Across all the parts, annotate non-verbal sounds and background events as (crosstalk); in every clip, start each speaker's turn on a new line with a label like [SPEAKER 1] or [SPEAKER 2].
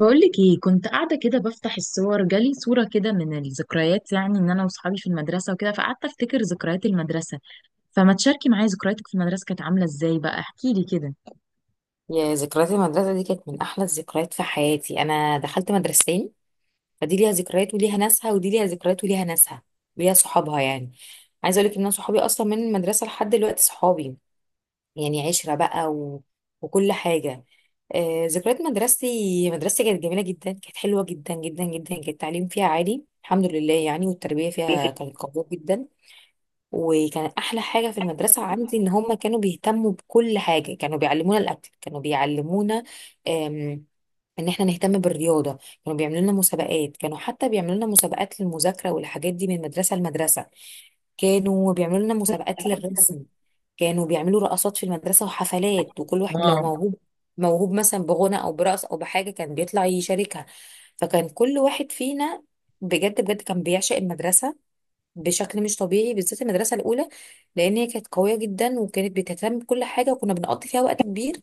[SPEAKER 1] بقولك ايه كنت قاعدة كده بفتح الصور، جالي صورة كده من الذكريات، يعني ان انا وصحابي في المدرسة وكده فقعدت افتكر ذكريات المدرسة. فما تشاركي معايا ذكرياتك في المدرسة كانت عاملة ازاي بقى؟ احكي لي كده.
[SPEAKER 2] يا ذكريات المدرسة دي كانت من أحلى الذكريات في حياتي. أنا دخلت مدرستين، فدي ليها ذكريات وليها ناسها ودي ليها ذكريات وليها ناسها وليها صحابها يعني. عايزة أقولك إن أنا صحابي أصلا من المدرسة لحد دلوقتي صحابي، يعني عشرة بقى وكل حاجة. آه، ذكريات مدرستي كانت جميلة جدا، كانت حلوة جدا جدا جدا، كان التعليم فيها عالي الحمد لله يعني، والتربية فيها كانت قوية جدا. وكان احلى حاجه في المدرسه عندي ان هم كانوا بيهتموا بكل حاجه، كانوا بيعلمونا الاكل، كانوا بيعلمونا آم، ان احنا نهتم بالرياضه. كانوا بيعملوا لنا مسابقات، كانوا حتى بيعملوا لنا مسابقات للمذاكره والحاجات دي من مدرسه لمدرسه، كانوا بيعملوا لنا مسابقات للرسم، كانوا بيعملوا رقصات في المدرسه وحفلات، وكل واحد لو
[SPEAKER 1] واو.
[SPEAKER 2] موهوب مثلا بغنى او برقص او بحاجه كان بيطلع يشاركها. فكان كل واحد فينا بجد بجد كان بيعشق المدرسه بشكل مش طبيعي، بالذات المدرسه الاولى، لان هي كانت قويه جدا وكانت بتهتم بكل حاجه وكنا بنقضي فيها وقت كبير.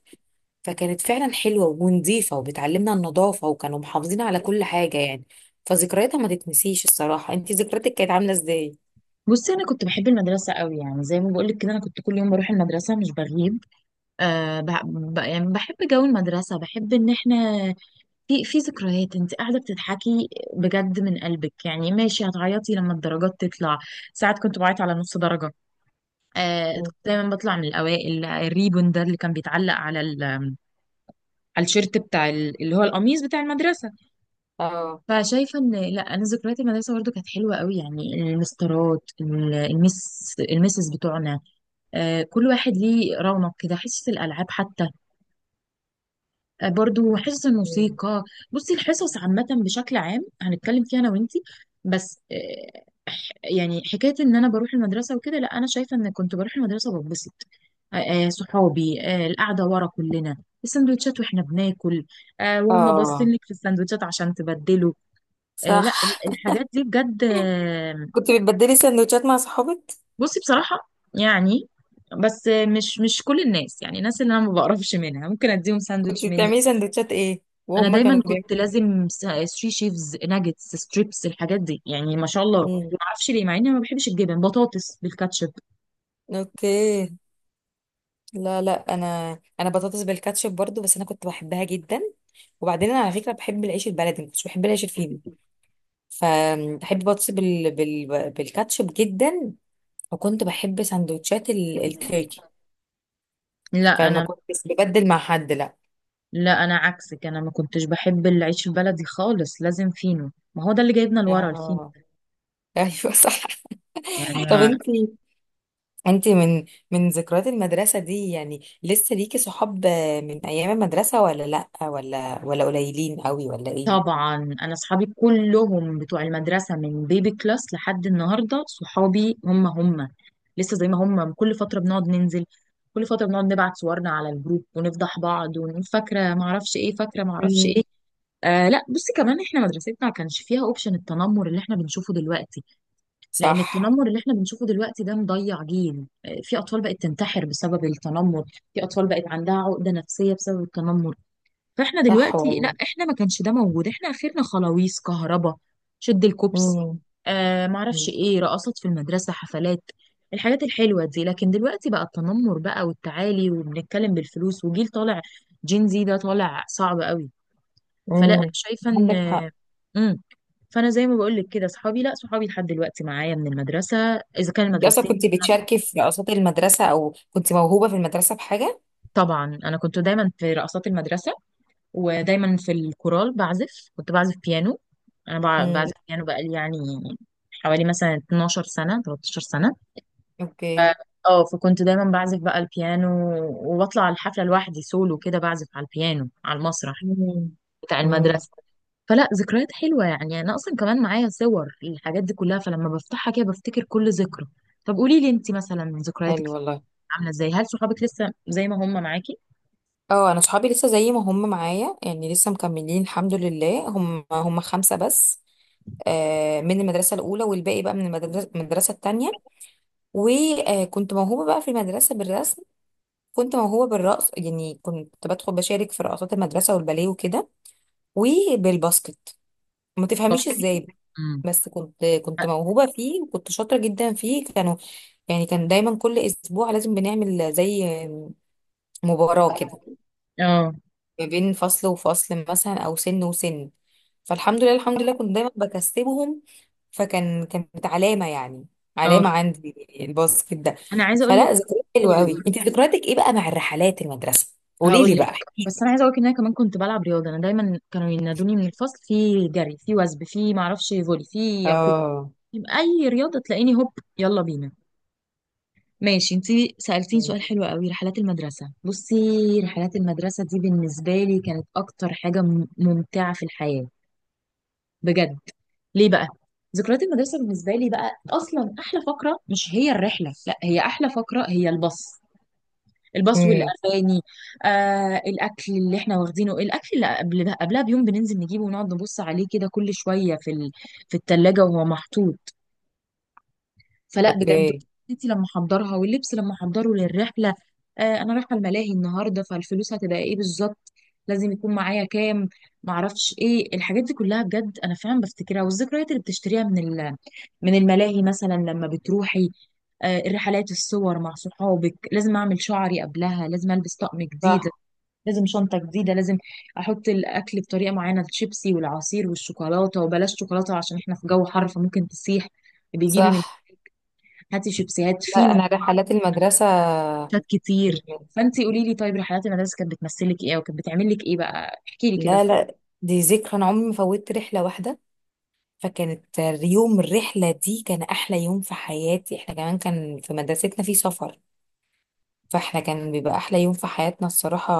[SPEAKER 2] فكانت فعلا حلوه ونظيفه وبتعلمنا النظافه وكانوا محافظين على كل حاجه يعني. فذكرياتها ما تتنسيش الصراحه. انت ذكرياتك كانت عامله ازاي؟
[SPEAKER 1] بصي، انا كنت بحب المدرسة قوي، يعني زي ما بقولك كده انا كنت كل يوم بروح المدرسة مش بغيب. يعني بحب جو المدرسة، بحب ان احنا في ذكريات. انت قاعدة بتضحكي بجد من قلبك، يعني ماشي، هتعيطي لما الدرجات تطلع. ساعات كنت بعيط على نص درجة.
[SPEAKER 2] مم.
[SPEAKER 1] كنت دايما بطلع من الاوائل، الريبون ده اللي كان بيتعلق على الشيرت اللي هو القميص بتاع المدرسه.
[SPEAKER 2] اه.
[SPEAKER 1] فشايفه ان لا، انا ذكريات المدرسه برضو كانت حلوه قوي، يعني المسطرات، المسز بتوعنا. كل واحد ليه رونق كده، حصص الالعاب حتى، برضو حصص
[SPEAKER 2] مم.
[SPEAKER 1] الموسيقى. بصي الحصص عامة بشكل عام هنتكلم فيها أنا وإنتي. بس، يعني حكاية إن أنا بروح المدرسة وكده، لا أنا شايفة إن كنت بروح المدرسة بتبسط. آه، صحابي، القعدة ورا كلنا، السندوتشات وإحنا بناكل، وهم باصين
[SPEAKER 2] اه،
[SPEAKER 1] لك في السندوتشات عشان تبدله. لا
[SPEAKER 2] صح.
[SPEAKER 1] الحاجات دي بجد. آه،
[SPEAKER 2] كنت بتبدلي سندوتشات مع صحابك؟
[SPEAKER 1] بصي بصراحة، يعني بس، مش كل الناس، يعني الناس اللي أنا ما بقرفش منها ممكن أديهم
[SPEAKER 2] كنت
[SPEAKER 1] ساندوتش مني.
[SPEAKER 2] بتعملي سندوتشات ايه
[SPEAKER 1] انا
[SPEAKER 2] وهم
[SPEAKER 1] دايما
[SPEAKER 2] كانوا
[SPEAKER 1] كنت
[SPEAKER 2] بيعملوا؟
[SPEAKER 1] لازم سري شيفز، ناجتس، ستريبس، الحاجات دي يعني ما شاء الله.
[SPEAKER 2] مم.
[SPEAKER 1] ما اعرفش ليه، مع اني ما بحبش الجبن. بطاطس بالكاتشب.
[SPEAKER 2] اوكي. لا لا، انا بطاطس بالكاتشب برضو، بس انا كنت بحبها جدا. وبعدين انا على فكره بحب العيش البلدي، ما كنتش بحب العيش الفينو، فبحب بطاطس بالكاتشب جدا، وكنت بحب سندوتشات التركي،
[SPEAKER 1] لا
[SPEAKER 2] فما
[SPEAKER 1] انا
[SPEAKER 2] كنتش ببدل مع حد لا.
[SPEAKER 1] لا انا عكسك، انا ما كنتش بحب العيش البلدي خالص، لازم فينو، ما هو ده اللي جايبنا لورا، الفينو.
[SPEAKER 2] اه، ايوه، صح.
[SPEAKER 1] يعني
[SPEAKER 2] (laughs) طب
[SPEAKER 1] أكيد.
[SPEAKER 2] انت، انت من، من ذكريات المدرسه دي يعني لسه ليكي صحاب من ايام المدرسه؟ ولا لا، ولا ولا قليلين قوي، ولا ايه؟
[SPEAKER 1] طبعا. انا اصحابي كلهم بتوع المدرسه، من بيبي كلاس لحد النهارده صحابي هم هم، لسه زي ما هم. كل فتره بنقعد ننزل، كل فتره بنقعد نبعت صورنا على الجروب ونفضح بعض ونقول فاكره ما اعرفش ايه، فاكره ما اعرفش
[SPEAKER 2] مم.
[SPEAKER 1] ايه. لا بصي، كمان احنا مدرستنا ما كانش فيها اوبشن التنمر اللي احنا بنشوفه دلوقتي. لان
[SPEAKER 2] صح.
[SPEAKER 1] التنمر اللي احنا بنشوفه دلوقتي ده مضيع جيل، في اطفال بقت تنتحر بسبب التنمر، في اطفال بقت عندها عقدة نفسية بسبب التنمر. فاحنا
[SPEAKER 2] صح،
[SPEAKER 1] دلوقتي لا، احنا ما كانش ده موجود، احنا اخرنا خلاويص كهربا، شد الكوبس.
[SPEAKER 2] والله.
[SPEAKER 1] ما اعرفش ايه، رقصات في المدرسة، حفلات، الحاجات الحلوة دي. لكن دلوقتي بقى التنمر بقى والتعالي وبنتكلم بالفلوس، وجيل طالع، جين زي ده طالع صعب قوي. فلا انا
[SPEAKER 2] امم.
[SPEAKER 1] شايفه ان،
[SPEAKER 2] عندك حق.
[SPEAKER 1] امم فانا زي ما بقول لك كده، صحابي، لا، صحابي لحد دلوقتي معايا من المدرسه، اذا كان
[SPEAKER 2] انت اصلا
[SPEAKER 1] المدرستين.
[SPEAKER 2] كنت بتشاركي في رقصات المدرسه، او كنت موهوبه في المدرسه بحاجه؟
[SPEAKER 1] طبعا انا كنت دايما في رقصات المدرسه، ودايما في الكورال، كنت بعزف بيانو. انا
[SPEAKER 2] امم.
[SPEAKER 1] بعزف بيانو بقالي، يعني حوالي مثلا 12 سنه، 13 سنه. ف-
[SPEAKER 2] اوكي.
[SPEAKER 1] اه فكنت دايما بعزف بقى البيانو، وبطلع الحفله لوحدي سولو كده، بعزف على البيانو على المسرح
[SPEAKER 2] امم.
[SPEAKER 1] بتاع
[SPEAKER 2] امم.
[SPEAKER 1] المدرسه. فلا ذكريات حلوة. يعني أنا أصلا كمان معايا صور الحاجات دي كلها، فلما بفتحها كده بفتكر كل ذكرى. طب قولي لي أنت مثلا، ذكرياتك
[SPEAKER 2] حلو، والله.
[SPEAKER 1] عاملة إزاي؟ هل صحابك لسه زي ما هم معاكي؟
[SPEAKER 2] اه، انا صحابي لسه زي ما هم معايا، يعني لسه مكملين الحمد لله، هم هم خمسه بس. من المدرسة الأولى، والباقي بقى من المدرسة التانية. وكنت موهوبة بقى في المدرسة بالرسم، كنت موهوبة بالرقص، يعني كنت بدخل بشارك في رقصات المدرسة والباليه وكده، وبالباسكت، ما
[SPEAKER 1] صح.
[SPEAKER 2] تفهميش ازاي،
[SPEAKER 1] امم.
[SPEAKER 2] بس كنت موهوبة فيه وكنت شاطرة جدا فيه. كانوا يعني، كان دايما كل أسبوع لازم بنعمل زي مباراة كده
[SPEAKER 1] اه.
[SPEAKER 2] ما بين فصل وفصل مثلا، أو سن وسن، فالحمد لله الحمد لله كنت دايما بكسبهم. كانت علامة يعني،
[SPEAKER 1] اه.
[SPEAKER 2] علامة عندي الباسكت ده.
[SPEAKER 1] أنا عايزة أقول لك.
[SPEAKER 2] فلا، ذكريات حلوة
[SPEAKER 1] قولي،
[SPEAKER 2] قوي.
[SPEAKER 1] قولي.
[SPEAKER 2] انت ذكرياتك ايه بقى مع الرحلات المدرسة؟ قولي
[SPEAKER 1] هقول
[SPEAKER 2] لي
[SPEAKER 1] لك.
[SPEAKER 2] بقى.
[SPEAKER 1] بس أنا عايزة أقول لك إن أنا كمان كنت بلعب رياضة. أنا دايما كانوا ينادوني من الفصل، في جري، في وثب، في معرفش فولي، في يقول
[SPEAKER 2] اه.
[SPEAKER 1] أي رياضة تلاقيني هوب، يلا بينا. ماشي، انتي سألتيني
[SPEAKER 2] مم.
[SPEAKER 1] سؤال حلو قوي، رحلات المدرسة. بصي، رحلات المدرسة دي بالنسبة لي كانت أكتر حاجة ممتعة في الحياة، بجد. ليه بقى؟ ذكريات المدرسة بالنسبة لي بقى، أصلا أحلى فقرة مش هي الرحلة، لا، هي أحلى فقرة هي الباص. الباص
[SPEAKER 2] امم.
[SPEAKER 1] والأغاني. الأكل اللي احنا واخدينه، الأكل اللي قبلها بيوم بننزل نجيبه ونقعد نبص عليه كده كل شوية في التلاجة وهو محطوط. فلا بجد،
[SPEAKER 2] اوكي.
[SPEAKER 1] والدتي لما احضرها، واللبس لما احضره للرحله، انا رايحه الملاهي النهارده، فالفلوس هتبقى ايه بالظبط، لازم يكون معايا كام، معرفش ايه، الحاجات دي كلها بجد انا فعلا بفتكرها. والذكريات اللي بتشتريها من الملاهي مثلا لما بتروحي. الرحلات، الصور مع صحابك، لازم اعمل شعري قبلها، لازم البس طقم جديد،
[SPEAKER 2] صح.
[SPEAKER 1] لازم شنطه جديده، لازم احط الاكل بطريقه معينه، الشيبسي والعصير والشوكولاته، وبلاش شوكولاته عشان احنا في جو حر فممكن تسيح. بيجيبي
[SPEAKER 2] صح.
[SPEAKER 1] هاتي شيبسيهات، في
[SPEAKER 2] لا، انا رحلات المدرسه،
[SPEAKER 1] نوتات كتير. فانت قولي لي، طيب رحلات المدرسه كانت بتمثلك ايه وكانت بتعمل لك ايه بقى؟ احكي لي كده.
[SPEAKER 2] لا
[SPEAKER 1] طب.
[SPEAKER 2] لا، دي ذكرى، انا عمري ما فوتت رحله واحده. فكانت، يوم الرحله دي كان احلى يوم في حياتي. احنا كمان كان في مدرستنا في سفر، فاحنا كان بيبقى احلى يوم في حياتنا الصراحه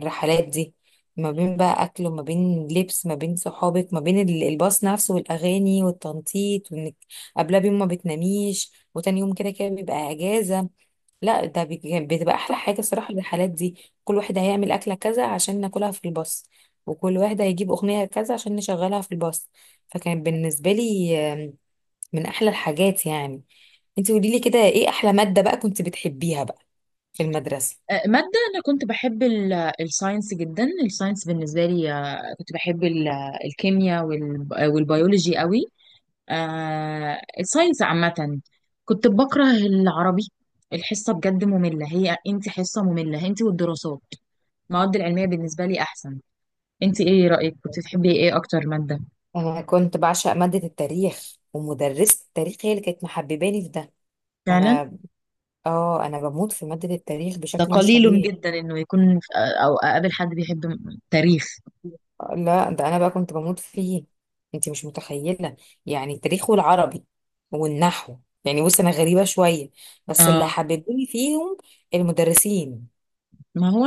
[SPEAKER 2] الرحلات دي، ما بين بقى اكل وما بين لبس، ما بين صحابك، ما بين الباص نفسه والاغاني والتنطيط، وانك قبلها بيوم ما بتناميش وتاني يوم كده كده بيبقى اجازه. لا، ده بتبقى احلى حاجه الصراحه الرحلات دي. كل واحد هيعمل اكله كذا عشان ناكلها في الباص، وكل واحد هيجيب اغنيه كذا عشان نشغلها في الباص. فكان بالنسبه لي من احلى الحاجات يعني. انت قولي لي كده، ايه احلى ماده بقى كنت بتحبيها بقى في المدرسه؟
[SPEAKER 1] ماده. انا كنت بحب الساينس جدا. الساينس بالنسبه لي، كنت بحب الكيمياء والبيولوجي قوي، الساينس عامه. كنت بكره العربي، الحصه بجد ممله هي، انت حصه ممله انت والدراسات. المواد العلميه بالنسبه لي احسن. انت ايه رايك؟ كنت تحبي ايه اكتر ماده؟
[SPEAKER 2] انا كنت بعشق ماده التاريخ، ومدرسه التاريخ هي اللي كانت محبباني في ده.
[SPEAKER 1] فعلا.
[SPEAKER 2] فانا، اه، انا بموت في ماده التاريخ
[SPEAKER 1] ده
[SPEAKER 2] بشكل مش
[SPEAKER 1] قليل
[SPEAKER 2] طبيعي.
[SPEAKER 1] جدا انه يكون او اقابل حد بيحب تاريخ.
[SPEAKER 2] لا ده انا بقى كنت بموت فيه، انت مش متخيله. يعني التاريخ والعربي والنحو، يعني بص انا غريبه شويه، بس اللي
[SPEAKER 1] اه.
[SPEAKER 2] حببوني فيهم المدرسين.
[SPEAKER 1] ما هو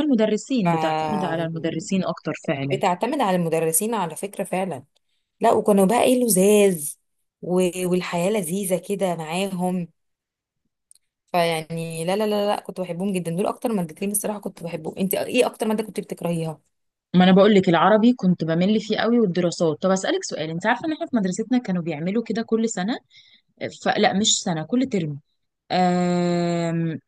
[SPEAKER 2] ف،
[SPEAKER 1] المدرسين، بتعتمد على المدرسين اكتر فعلا.
[SPEAKER 2] بتعتمد على المدرسين على فكره فعلا. لا، وكانوا بقى ايه، لزاز، والحياه لذيذه كده معاهم. فيعني لا كنت بحبهم جدا، دول اكتر مادتين الصراحه كنت بحبهم. انت ايه اكتر ماده كنت بتكرهيها؟
[SPEAKER 1] ما انا بقول لك العربي كنت بمل فيه قوي، والدراسات. طب اسالك سؤال، انت عارفه ان احنا في مدرستنا كانوا بيعملوا كده كل سنه، فلا مش سنه، كل ترم. آم...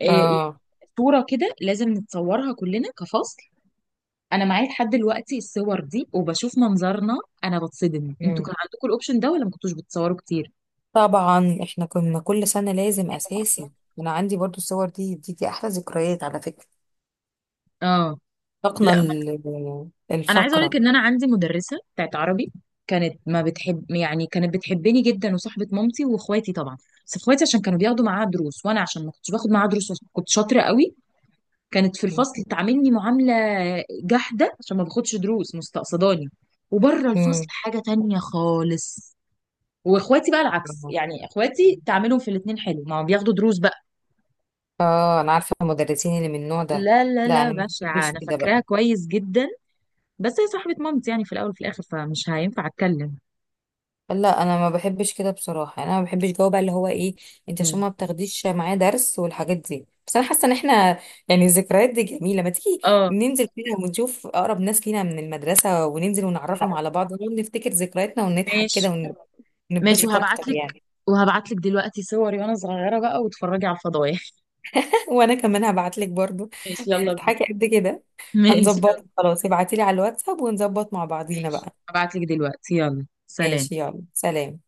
[SPEAKER 1] يعني
[SPEAKER 2] اه.
[SPEAKER 1] صوره كده لازم نتصورها كلنا كفصل. انا معايا لحد دلوقتي الصور دي وبشوف منظرنا، انا بتصدم. انتوا كان عندكم الاوبشن ده ولا ما كنتوش بتصوروا كتير؟
[SPEAKER 2] طبعا احنا كنا كل سنة لازم اساسي. انا عندي برضو الصور دي، دي احلى ذكريات على فكرة.
[SPEAKER 1] اه.
[SPEAKER 2] طاقنا
[SPEAKER 1] لا انا عايزه اقول لك
[SPEAKER 2] الفقرة.
[SPEAKER 1] ان انا عندي مدرسه بتاعت عربي، كانت ما بتحب، يعني كانت بتحبني جدا وصاحبه مامتي واخواتي طبعا، بس اخواتي عشان كانوا بياخدوا معاها دروس، وانا عشان ما كنتش باخد معاها دروس وعشان كنت شاطره قوي، كانت في الفصل تعاملني معامله جحده، عشان ما باخدش دروس، مستقصداني، وبره الفصل
[SPEAKER 2] امم.
[SPEAKER 1] حاجه تانية خالص. واخواتي بقى العكس، يعني اخواتي تعاملهم في الاتنين حلو، ما هم بياخدوا دروس بقى.
[SPEAKER 2] اه، انا عارفة المدرسين اللي من النوع ده.
[SPEAKER 1] لا لا
[SPEAKER 2] لا،
[SPEAKER 1] لا،
[SPEAKER 2] انا ما
[SPEAKER 1] بشعه،
[SPEAKER 2] بحبش
[SPEAKER 1] انا
[SPEAKER 2] كده
[SPEAKER 1] فاكراها
[SPEAKER 2] بقى.
[SPEAKER 1] كويس جدا. بس هي صاحبه مامتي يعني في الاول وفي الاخر، فمش هينفع اتكلم.
[SPEAKER 2] لا، انا ما بحبش كده بصراحة، يعني انا ما بحبش جو بقى اللي هو ايه، انت عشان
[SPEAKER 1] مم.
[SPEAKER 2] ما بتاخديش معاه درس والحاجات دي. بس انا حاسة ان احنا، يعني الذكريات دي جميلة، ما تيجي
[SPEAKER 1] اه.
[SPEAKER 2] ننزل كده ونشوف اقرب ناس لينا من المدرسة وننزل ونعرفهم على بعض ونقعد نفتكر ذكرياتنا ونضحك
[SPEAKER 1] ماشي.
[SPEAKER 2] كده،
[SPEAKER 1] ماشي،
[SPEAKER 2] نتبسط اكتر
[SPEAKER 1] وهبعت
[SPEAKER 2] يعني.
[SPEAKER 1] لك. وهبعت لك دلوقتي صوري وانا صغيرة بقى وتتفرجي على الفضايح (laughs)
[SPEAKER 2] (laughs) وانا كمان هبعت لك برضو،
[SPEAKER 1] ماشي يلا بينا.
[SPEAKER 2] هتضحكي قد كده.
[SPEAKER 1] ماشي
[SPEAKER 2] هنظبطها
[SPEAKER 1] يلا.
[SPEAKER 2] خلاص، ابعتي لي على الواتساب ونظبط مع بعضينا
[SPEAKER 1] ماشي،
[SPEAKER 2] بقى.
[SPEAKER 1] هبعت لك دلوقتي. يلا سلام.
[SPEAKER 2] ماشي، يلا سلام.